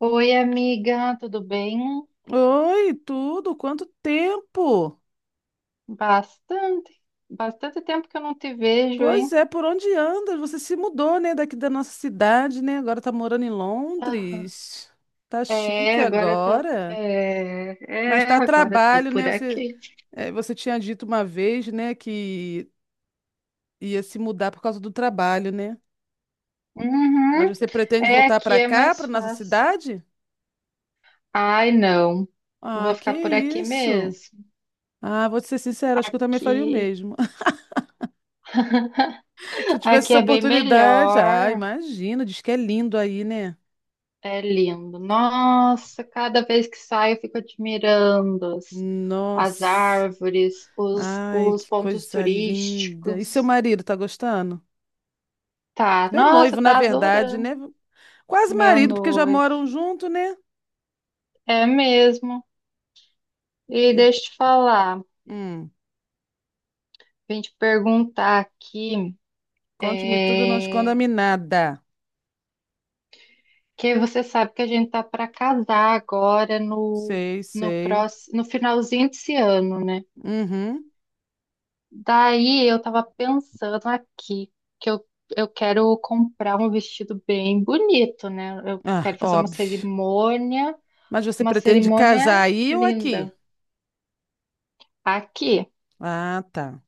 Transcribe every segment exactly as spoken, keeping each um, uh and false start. Oi, amiga, tudo bem? Oi, tudo? Quanto tempo? Bastante, bastante tempo que eu não te vejo, hein? Pois é, por onde anda? Você se mudou, né, daqui da nossa cidade, né? Agora tá morando em Aham. Londres. Tá chique É, agora eu tô, agora. é, Mas é, tá a agora eu tô trabalho, né? por Você, aqui. é, você tinha dito uma vez, né, que ia se mudar por causa do trabalho, né? Mas Uhum. você pretende É, voltar aqui pra é cá, mais pra nossa fácil. cidade? Ai, não, Ah, vou que ficar por aqui isso? mesmo. Ah, vou te ser sincera, acho que eu também faria o Aqui, mesmo. Se eu tivesse aqui essa é bem oportunidade, ah, melhor. imagina, diz que é lindo aí, né? É lindo. Nossa, cada vez que saio eu fico admirando as Nossa, árvores, os, ai, os que pontos coisa linda. E seu turísticos. marido tá gostando? Tá, Seu nossa, noivo, na tá verdade, adorando, né? Quase meu marido, porque já noivo. moram junto, né? É mesmo. E E- deixa eu te falar, hum, vim te perguntar aqui, Conte-me tudo, não é, esconda-me nada. que você sabe que a gente tá para casar agora no, Sei, no sei. próximo, no finalzinho desse ano, né? Uhum. Daí eu tava pensando aqui que eu, eu quero comprar um vestido bem bonito, né? Eu Ah, quero fazer uma óbvio. cerimônia. Mas você Uma pretende casar cerimônia aí ou aqui? linda. Aqui. Ah, tá.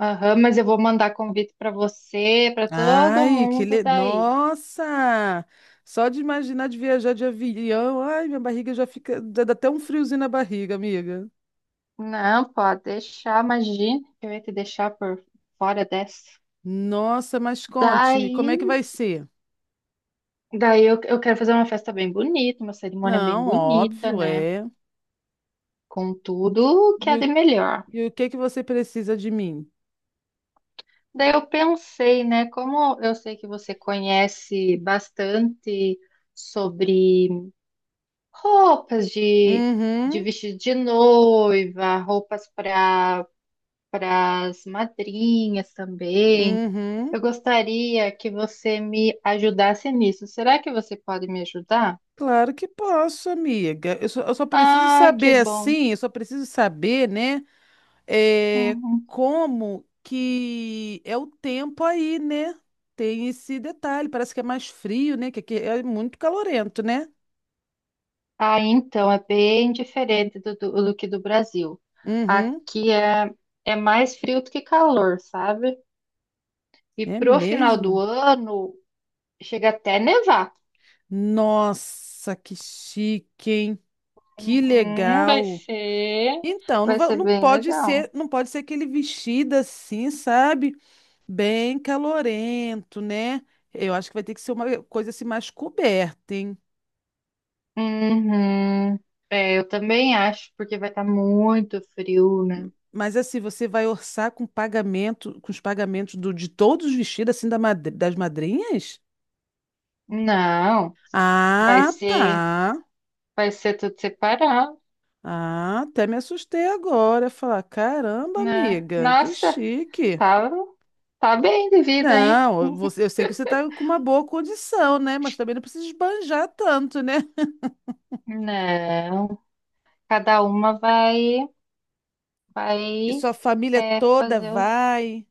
Aham, mas eu vou mandar convite para você, para todo Ai, que mundo le... daí. Nossa! Só de imaginar de viajar de avião, ai, minha barriga já fica, dá dá até um friozinho na barriga, amiga. Não, pode deixar, imagina que eu ia te deixar por fora dessa. Nossa, mas conte-me, como é Daí, que vai ser? daí eu, eu quero fazer uma festa bem bonita, uma cerimônia bem Não, bonita, óbvio, né? é. Com tudo que E é o, de melhor. e o que que você precisa de mim? Daí eu pensei, né? Como eu sei que você conhece bastante sobre roupas de, de Uhum, vestido de noiva, roupas para para as madrinhas também. Eu uhum. gostaria que você me ajudasse nisso. Será que você pode me ajudar? Claro que posso, amiga. Eu só, eu só preciso Ah, que saber bom. assim, eu só preciso saber, né? É, Uhum. como que é o tempo aí, né? Tem esse detalhe, parece que é mais frio, né? Que aqui é muito calorento, né? Ah, então é bem diferente do, do, do que do Brasil. Uhum, Aqui é, é mais frio do que calor, sabe? E é pro final do mesmo? ano chega até a nevar. Nossa, que chique, hein? Que Uhum, vai legal. ser, Então, não, vai va- ser não bem pode legal. ser, não pode ser aquele vestido assim, sabe? Bem calorento, né? Eu acho que vai ter que ser uma coisa assim mais coberta, hein? Uhum. É, eu também acho, porque vai estar muito frio, né? Mas assim, você vai orçar com pagamento, com os pagamentos do, de todos os vestidos assim da madri- das madrinhas? Não, vai Ah, ser, tá. vai ser tudo separado, Ah, até me assustei agora. Falar, caramba, né? amiga, que Nossa, chique. tá, tá bem de vida, hein? Não, você, eu sei que você está com uma boa condição, né? Mas também não precisa esbanjar tanto, né? Não, cada uma vai, E vai sua família é, toda fazer o. vai.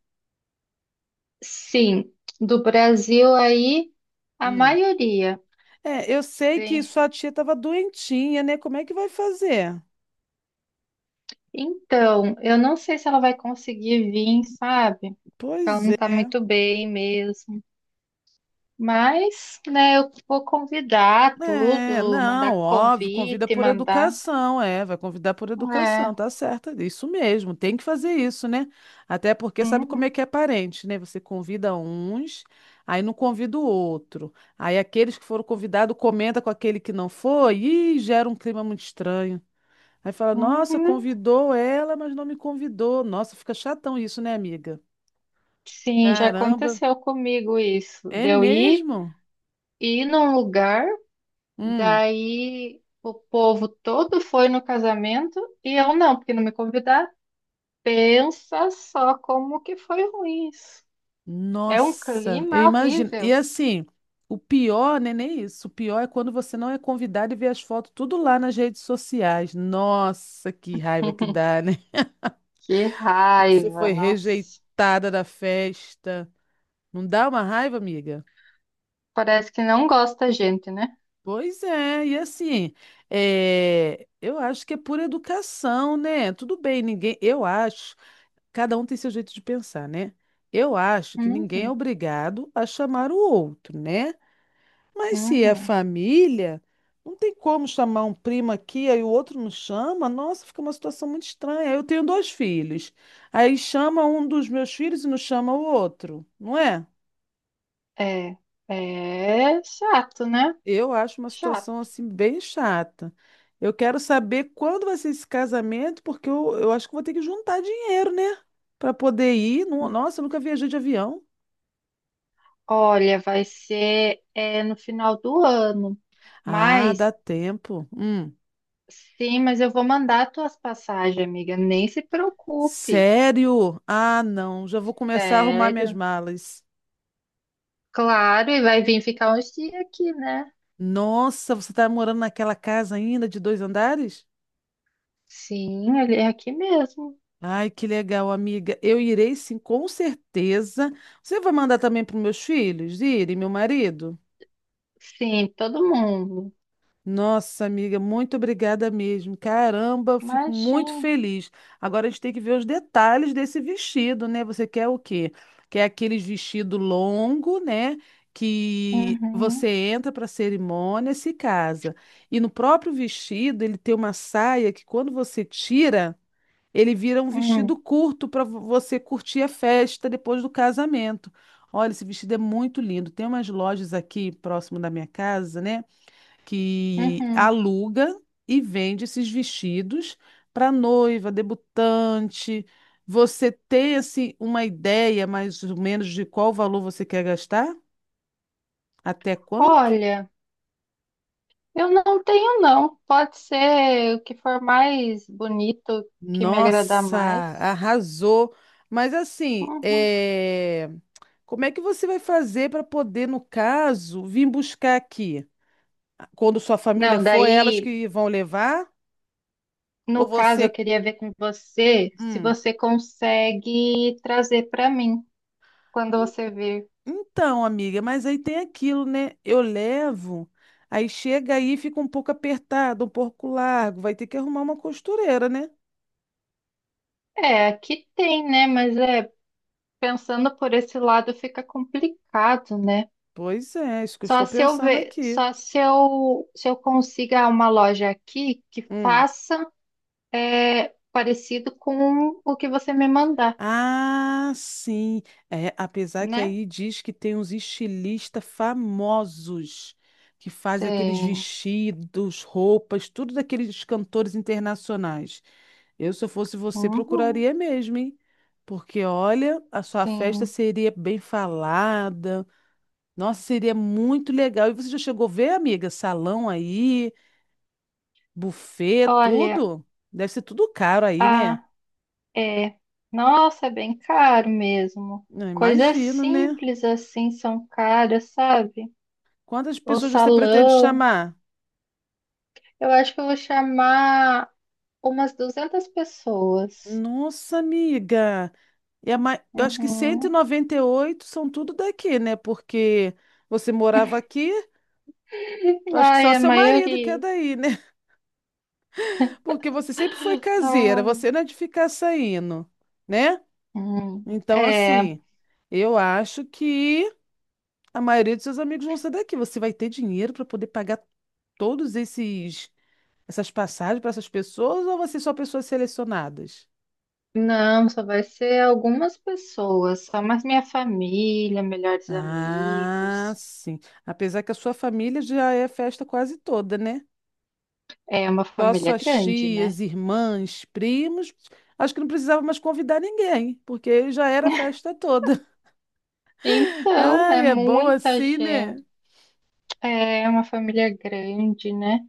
Sim, do Brasil aí, a Hum. maioria. É, eu sei que Tem sua tia estava doentinha, né? Como é que vai fazer? Então, eu não sei se ela vai conseguir vir, sabe? Ela Pois não tá é. muito bem mesmo. Mas, né, eu vou convidar É, tudo, não, mandar óbvio, convida convite, por mandar. educação, é, vai convidar por educação, É. tá certo, é isso mesmo, tem que fazer isso, né? Até porque sabe como Uhum, é que é parente, né? Você convida uns, aí não convida o outro. Aí aqueles que foram convidados comenta com aquele que não foi e gera um clima muito estranho. Aí fala, nossa, uhum. convidou ela, mas não me convidou. Nossa, fica chatão isso, né, amiga? Sim, já Caramba, aconteceu comigo isso. é De eu ir, mesmo? ir num lugar, Hum. daí o povo todo foi no casamento e eu não, porque não me convidaram. Pensa só como que foi ruim isso. É um Nossa, eu clima imagino. E horrível. assim, o pior, né, nem isso. O pior é quando você não é convidado e vê as fotos tudo lá nas redes sociais. Nossa, que raiva que dá, né? Que Você raiva, foi nossa. rejeitada da festa. Não dá uma raiva, amiga? Parece que não gosta da gente, né? Pois é, e assim, é, eu acho que é por educação, né? Tudo bem, ninguém. Eu acho, cada um tem seu jeito de pensar, né? Eu acho que ninguém é Uhum, obrigado a chamar o outro, né? Mas se é uhum. família, não tem como chamar um primo aqui, aí o outro não chama. Nossa, fica uma situação muito estranha. Eu tenho dois filhos. Aí chama um dos meus filhos e não chama o outro, não é? É, é chato, né? Eu acho uma situação Chato. assim bem chata. Eu quero saber quando vai ser esse casamento, porque eu, eu acho que vou ter que juntar dinheiro, né? Para poder ir. No- Nossa, eu nunca viajei de avião. Olha, vai ser é, no final do ano. Ah, dá Mas, tempo. Hum. sim, mas eu vou mandar tuas passagens, amiga. Nem se preocupe. Sério? Ah, não. Já vou começar a arrumar minhas Sério. malas. Claro, e vai vir ficar uns dias aqui, né? Nossa, você tá morando naquela casa ainda de dois andares? Sim, ele é aqui mesmo. Ai, que legal, amiga. Eu irei sim, com certeza. Você vai mandar também para meus filhos irem, meu marido? Sim, todo mundo. Nossa, amiga, muito obrigada mesmo. Caramba, eu fico muito Imagina. feliz. Agora a gente tem que ver os detalhes desse vestido, né? Você quer o quê? Quer aqueles vestido longo, né? Que Uhum, você entra para a cerimônia, se casa. E no próprio vestido, ele tem uma saia que quando você tira. Ele vira um vestido uhum. curto para você curtir a festa depois do casamento. Olha, esse vestido é muito lindo. Tem umas lojas aqui próximo da minha casa, né, que Uhum. aluga e vende esses vestidos para noiva, debutante. Você tem assim uma ideia mais ou menos de qual valor você quer gastar? Até quanto? Olha, eu não tenho não. Pode ser o que for mais bonito que me agradar Nossa, mais. arrasou. Mas assim, Uhum. é... Como é que você vai fazer para poder, no caso, vir buscar aqui? Quando sua família Não, for, é elas daí, que vão levar? Ou no caso, eu você. queria ver com você se Hum. você consegue trazer para mim quando você vir. Então, amiga, mas aí tem aquilo, né? Eu levo, aí chega aí, e fica um pouco apertado, um pouco largo, vai ter que arrumar uma costureira, né? É, aqui tem, né? Mas é pensando por esse lado fica complicado, né? Pois é, isso que eu Só estou se eu pensando ver, aqui. só se eu, se eu consiga uma loja aqui que Hum. faça é parecido com o que você me mandar, Ah, sim. É, apesar que né? aí diz que tem uns estilistas famosos que fazem aqueles Tem. vestidos, roupas, tudo daqueles cantores internacionais. Eu, se eu fosse você, Uhum, procuraria mesmo, hein? Porque, olha, a sua festa sim. seria bem falada. Nossa, seria muito legal. E você já chegou a ver, amiga? Salão aí, buffet, Olha, tudo? Deve ser tudo caro aí, né? ah, é. Nossa, é bem caro mesmo. Não Coisas imagino, né? simples assim são caras, sabe? Quantas O pessoas você pretende salão. chamar? Eu acho que eu vou chamar umas duzentas pessoas. Nossa, amiga. É ma- Eu acho que cento e e Uhum. noventa e oito são tudo daqui, né? Porque você morava aqui, eu acho que Ai, só a seu marido que é maioria. daí, né? Porque você sempre foi caseira, Ai. você não é de ficar saindo, né? Hum. Então, É. assim, eu acho que a maioria dos seus amigos vão ser daqui. Você vai ter dinheiro para poder pagar todos esses essas passagens para essas pessoas ou você só pessoas selecionadas? Não, só vai ser algumas pessoas, só mais minha família, melhores Ah, amigos. sim. Apesar que a sua família já é festa quase toda, né? É uma Só as família suas grande, né? tias, irmãs, primos. Acho que não precisava mais convidar ninguém, porque já era a festa toda. Então, é Ai, é bom muita assim, né? gente. É uma família grande, né?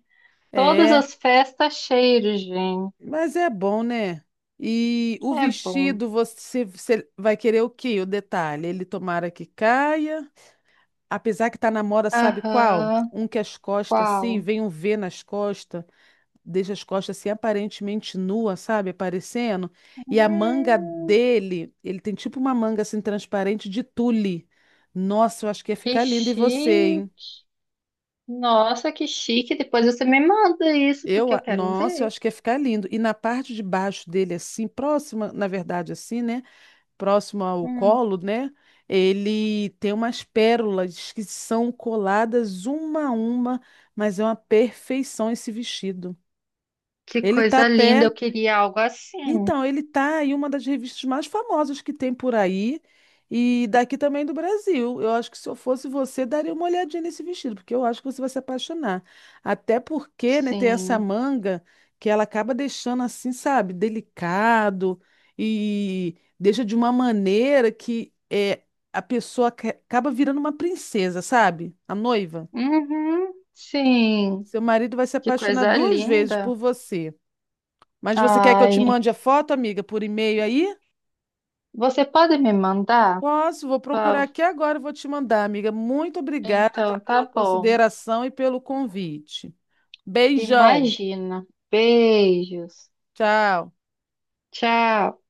Todas É, as festas cheias de gente. mas é bom, né? E o É bom. vestido, você, você vai querer o quê? O detalhe, ele tomara que caia. Apesar que tá na moda, sabe qual? Aham. Um que as costas, assim, Qual? vem um vê nas costas. Deixa as costas assim aparentemente nua, sabe? Aparecendo. E a manga Hum, dele, ele tem tipo uma manga assim transparente de tule. Nossa, eu acho que ia que ficar lindo. E você, hein? chique. Nossa, que chique. Depois você me manda isso, Eu, porque a- eu quero nossa, eu ver. acho que ia ficar lindo. E na parte de baixo dele, assim, próxima, na verdade, assim, né? Próximo ao Hum, colo, né? Ele tem umas pérolas que são coladas uma a uma, mas é uma perfeição esse vestido. que Ele tá coisa linda. até Eu queria algo assim. Então, ele tá em uma das revistas mais famosas que tem por aí e daqui também do Brasil. Eu acho que se eu fosse você, daria uma olhadinha nesse vestido, porque eu acho que você vai se apaixonar. Até porque, né, tem essa Sim. manga que ela acaba deixando assim, sabe, delicado e deixa de uma maneira que é, a pessoa ca- acaba virando uma princesa, sabe? A noiva. Uhum, sim, Seu marido vai se que apaixonar coisa duas vezes por linda. você. Mas você quer que eu te Ai, mande a foto, amiga, por e-mail aí? você pode me mandar? Posso, vou procurar Pau? aqui agora e vou te mandar, amiga. Muito obrigada, tá, Então, tá pela bom. consideração e pelo convite. Beijão. Imagina. Beijos. Tchau. Tchau.